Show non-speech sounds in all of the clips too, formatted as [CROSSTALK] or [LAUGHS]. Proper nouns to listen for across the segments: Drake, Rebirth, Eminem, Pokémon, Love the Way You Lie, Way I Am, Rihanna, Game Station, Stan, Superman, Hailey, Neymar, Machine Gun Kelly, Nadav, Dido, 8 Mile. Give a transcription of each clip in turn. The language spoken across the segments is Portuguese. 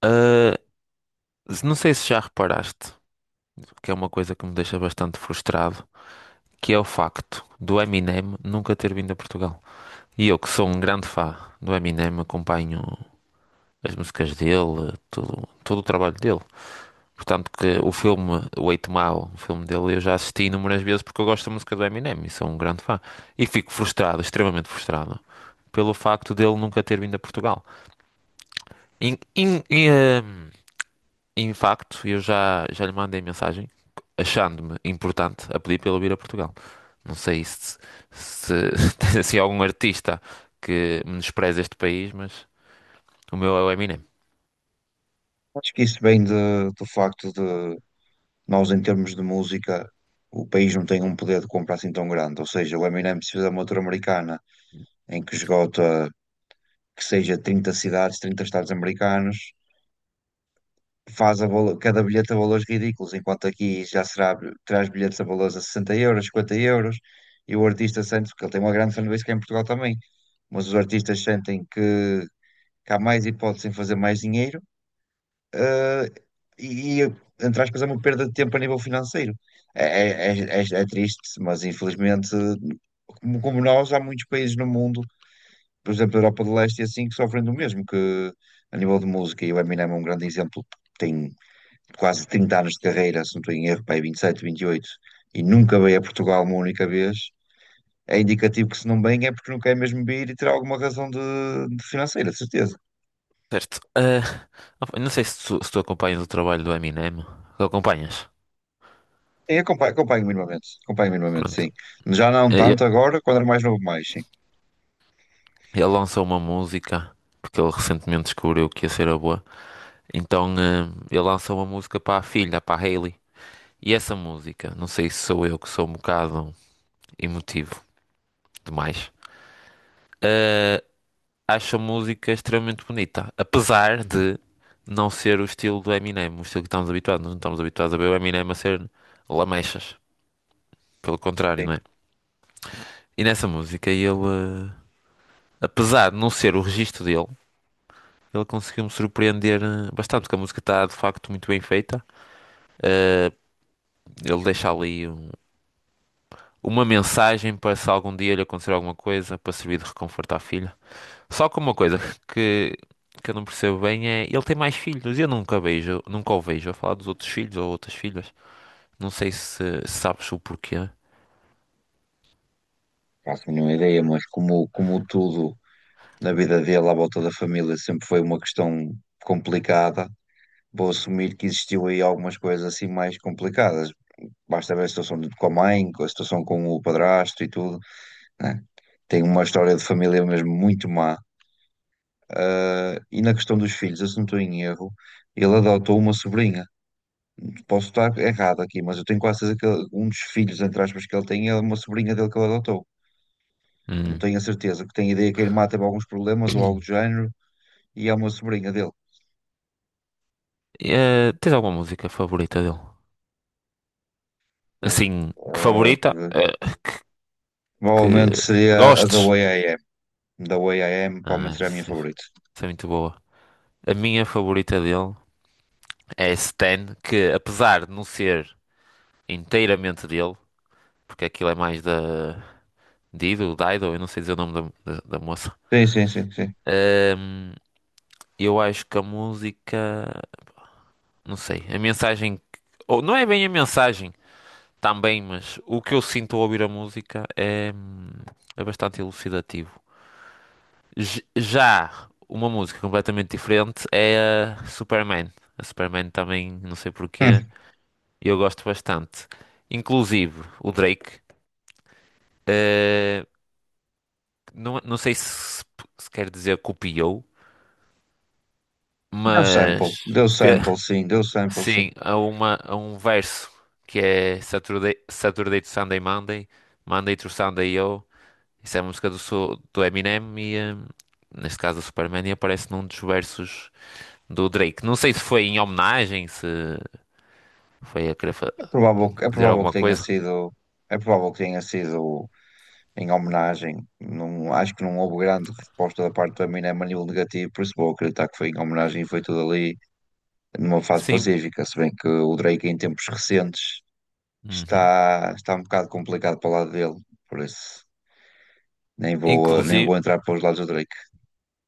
Ah, não sei se já reparaste, que é uma coisa que me deixa bastante frustrado, que é o facto do Eminem nunca ter vindo a Portugal. E eu, que sou um grande fã do Eminem, acompanho as músicas dele, todo o trabalho dele. Portanto, que o filme o 8 Mile, o filme dele, eu já assisti inúmeras vezes porque eu gosto da música do Eminem e sou um grande fã. E fico frustrado, extremamente frustrado, pelo facto dele nunca ter vindo a Portugal. In, in- e, ah, Em facto, eu já lhe mandei mensagem achando-me importante a pedir para ele vir a Portugal. Não sei se [LAUGHS] tens assim algum artista que menospreze este país, mas o meu é o Eminem. Acho que isso vem do facto de nós, em termos de música, o país não tem um poder de compra assim tão grande. Ou seja, o Eminem, se fizer uma tour americana em que esgota, que seja 30 cidades, 30 estados americanos, faz cada bilhete a valores ridículos, enquanto aqui já será, traz bilhetes a valores a 60 euros, 50 euros, e o artista sente, porque ele tem uma grande fanbase que é em Portugal também, mas os artistas sentem que há mais hipótese em fazer mais dinheiro eh, e, entre aspas, é uma perda de tempo a nível financeiro. É triste, mas infelizmente, como nós, há muitos países no mundo, por exemplo, a Europa de Leste e assim, que sofrem do mesmo, que a nível de música, e o Eminem é um grande exemplo, tem quase 30 anos de carreira, se não estou em erro, pá, aí 27, 28 e nunca veio a Portugal uma única vez. É indicativo que se não vem é porque não quer mesmo vir e terá alguma razão de financeira, de certeza. Certo. Opa, não sei se tu, se tu acompanhas o trabalho do Eminem. Tu acompanhas? Sim, acompanho, acompanho minimamente, Pronto. sim. Já não Eh, tanto Ele, agora, quando era mais novo, mais, sim. Ele lançou uma música, porque ele recentemente descobriu que ia ser a boa. Então, ele lançou uma música para a filha, para a Hailey. E essa música, não sei se sou eu que sou um bocado emotivo, demais. Eh, Acho a música extremamente bonita, apesar de não ser o estilo do Eminem, o estilo que estamos habituados. Nós não estamos habituados a ver o Eminem a ser lamechas, pelo contrário, Sim, não é? E nessa música ele, apesar de não ser o registro dele, ele conseguiu me surpreender bastante, porque a música está de facto muito bem feita. Eh, Ele deixa ali uma mensagem para se algum dia lhe acontecer alguma coisa, para servir de reconforto à filha. Só que uma coisa que, que eu não percebo bem é ele tem mais filhos. E eu nunca vejo, nunca o vejo a falar dos outros filhos ou outras filhas. Não sei se sabes o porquê. faço a mínima ideia, mas como tudo na vida dele, à volta da família, sempre foi uma questão complicada, vou assumir que existiu aí algumas coisas assim mais complicadas. Basta ver a situação com a mãe, com a situação com o padrasto e tudo, né? Tem uma história de família mesmo muito má. Ah, e na questão dos filhos, eu se não estou em erro, ele adotou uma sobrinha. Posso estar errado aqui, mas eu tenho quase certeza que um dos filhos, entre aspas, que ele tem é uma sobrinha dele que ele adotou. Não Hum. tenho a certeza, que tenho ideia que a irmã teve alguns problemas ou algo do [CLEARS THROAT] género e é uma sobrinha dele. Tens alguma música favorita dele? Bom, Assim, que favorita? eh, Que provavelmente seria a da gostes? Way I Am. The Way I Am, Ah, provavelmente seria a minha essa favorita. essa é muito boa. A minha favorita dele é Stan, que apesar de não ser inteiramente dele, porque aquilo é mais da Dido, eu não sei dizer o nome da moça. Sim, sim, sim, sim. Eu acho que a música, não sei, a ou não é bem a mensagem também, mas o que eu sinto ao ouvir a música é, é bastante elucidativo. Já uma música completamente diferente é a Superman. A Superman também, não sei Hum, porquê, eu gosto bastante. Inclusive o Drake, eh, não sei se, se quer dizer copiou, mas deu sample, [LAUGHS] sim, deu sample, sim. sim, há um verso que é Saturday, Saturday to Sunday Monday, Monday to Sunday Yo. Isso é a música do, do Eminem e, neste caso, do Superman, e aparece num dos versos do Drake. Não sei se foi em homenagem, se foi a É dizer provável que alguma tenha coisa. sido, é provável que tenha sido em homenagem. Não, acho que não houve grande resposta da parte do Eminem a nível negativo, por isso vou acreditar que foi em homenagem e foi tudo ali numa fase Sim. pacífica. Se bem que o Drake, em tempos recentes, Uhum. está um bocado complicado para o lado dele, por isso nem vou Inclusive. entrar para os lados do Drake.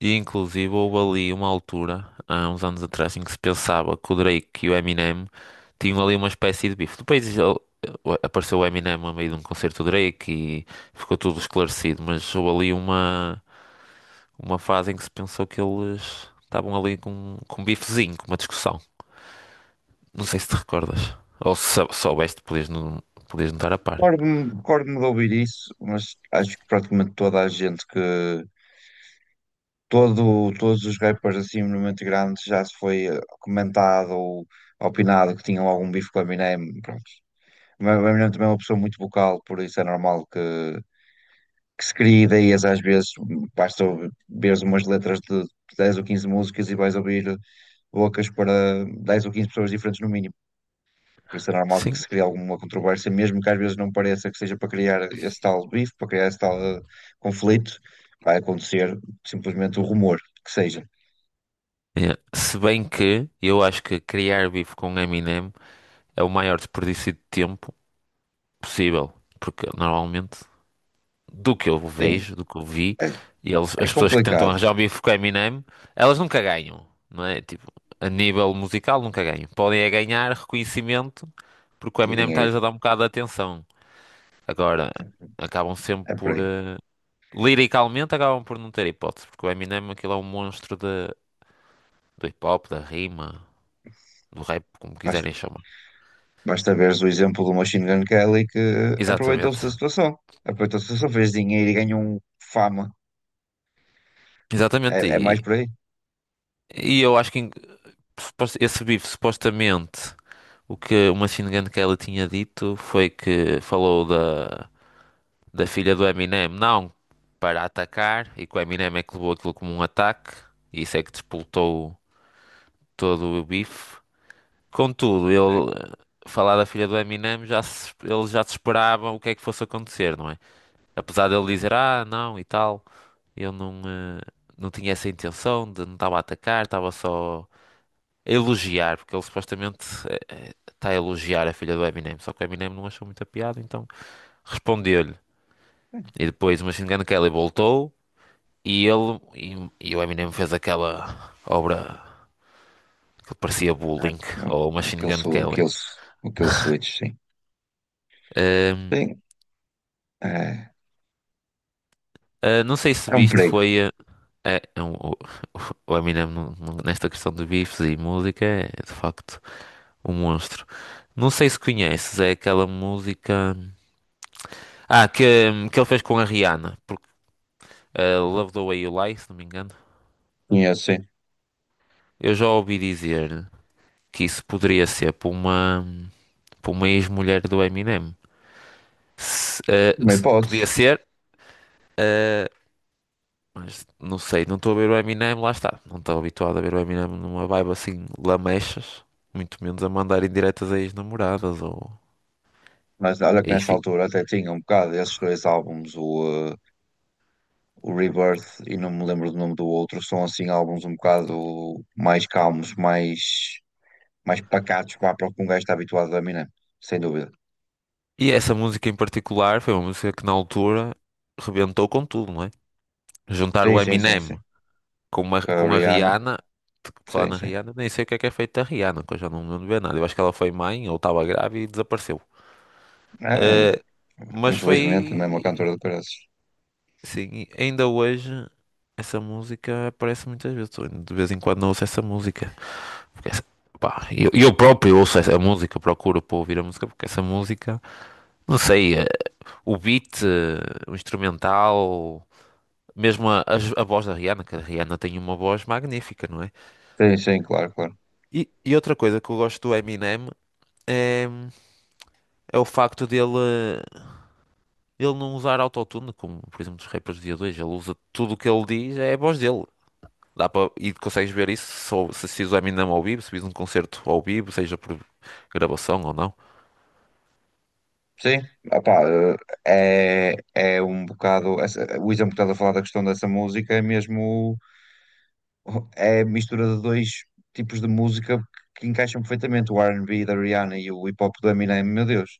E inclusive houve ali uma altura, há uns anos atrás, em que se pensava que o Drake e o Eminem tinham ali uma espécie de bife. Apareceu o Eminem a meio de um concerto do Drake e ficou tudo esclarecido, mas houve ali uma fase em que se pensou que eles estavam ali com um bifezinho, com uma discussão. Não sei se te recordas. Ou se soubeste, podias não estar a par. Recordo-me de ouvir isso, mas acho que praticamente toda a gente que. Todos os rappers assim muito grandes já se foi comentado ou opinado que tinham algum bife com o Eminem. O meu irmão também é uma pessoa muito vocal, por isso é normal que, se crie ideias às vezes. Basta ver umas letras de 10 ou 15 músicas e vais ouvir bocas para 10 ou 15 pessoas diferentes no mínimo. Por isso é normal que Sim. se crie alguma controvérsia, mesmo que às vezes não pareça que seja para criar esse tal bife, para criar esse tal conflito. Vai acontecer simplesmente o rumor que seja. É. Se bem que eu acho que criar bife com Eminem é o maior desperdício de tempo possível, porque normalmente, do que eu Sim, vejo, do que eu vi, é, e eles, é as pessoas que tentam complicado. arranjar um bife com Eminem, elas nunca ganham, não é? Tipo, a nível musical nunca ganham. Podem é ganhar reconhecimento porque o E Eminem está-lhes dinheiro, a dar um bocado de atenção. Agora, acabam sempre é por por. aí. eh, liricalmente, acabam por não ter hipótese, porque o Eminem aquilo é um monstro de, do hip hop, da rima, do rap, como Faz quiserem chamar. Basta veres o exemplo do Machine Gun Kelly que aproveitou-se da Exatamente. situação. Aproveitou-se da situação, fez dinheiro e ganhou um fama. É, Exatamente. é mais por aí. E eu acho que esse bife supostamente, o que uma machine que ela tinha dito foi que falou da, da filha do Eminem, não para atacar, e que o Eminem é que levou aquilo como um ataque, e isso é que despoltou todo o bife. Contudo, Sim. ele, falar da filha do Eminem, já se, ele já se esperava o que é que fosse acontecer, não é? Apesar dele dizer, ah, não, e tal, eu não tinha essa intenção, de, não estava a atacar, estava só a elogiar, porque ele supostamente está a elogiar a filha do Eminem, só que o Eminem não achou muita piada, então respondeu-lhe. E depois o Machine Gun Kelly voltou e ele e o Eminem fez aquela obra que parecia É, bullying ou é, Machine aquele, Gun su- Kelly. aquele, su- aquele switch, sim. Ahm, Sim, é, não sei se é um viste, perigo. foi ah, ah, o, o Eminem nesta questão de bifes e música é é de facto um monstro. Não sei se conheces, é aquela música. Ah, que, que ele fez com a Rihanna. A Love the Way You Lie, se não me engano. Conheço, sim. Eu já ouvi dizer que isso poderia ser para para uma ex-mulher do Eminem. Se, eh, Uma se- Podia hipótese. ser, eh, mas não sei, não estou a ver o Eminem, lá está. Não estou habituado a ver o Eminem numa vibe assim, lamechas, muito menos a mandar indiretas a ex-namoradas ou Mas olha que nessa enfim. altura até tinha um bocado esses dois álbuns, o Rebirth e não me lembro do nome do outro, são assim álbuns um bocado mais calmos, mais pacatos, vá, para o que um gajo está habituado a Eminem, sem dúvida. E essa música em particular foi uma música que na altura rebentou com tudo, não é? Juntar Sim, o sim, sim, sim. Eminem Com a com a Rihanna. Rihanna. Falar Sim, na sim. Rihanna, nem sei o que é feito da Rihanna, que eu já não me lembro de ver nada. Eu acho que ela foi mãe ou estava grávida e desapareceu. É, Eh, mas infelizmente, também é uma foi. cantora de preços. Sim, e ainda hoje essa música aparece muitas vezes. Eu De vez em quando ouço essa música. Porque essa- Pá, eu próprio ouço essa música, procuro para ouvir a música, porque essa música, não sei, o beat, o instrumental, mesmo a voz da Rihanna, que a Rihanna tem uma voz magnífica, não é? Sim, sim, claro, claro. E outra coisa que eu gosto do Eminem é, é o facto dele, ele não usar autotune, como por exemplo dos rappers do dia 2, ele usa tudo o que ele diz, é a voz dele. Dá para, e consegues ver isso se, se assistes o Eminem ao vivo, se vis um concerto ao vivo, seja por gravação ou não. Sim, opá, é um bocado. O Isa, um bocado a falar da questão dessa música, é mesmo. É a mistura de dois tipos de música que encaixam perfeitamente: o R&B da Rihanna e o hip hop do Eminem. Meu Deus,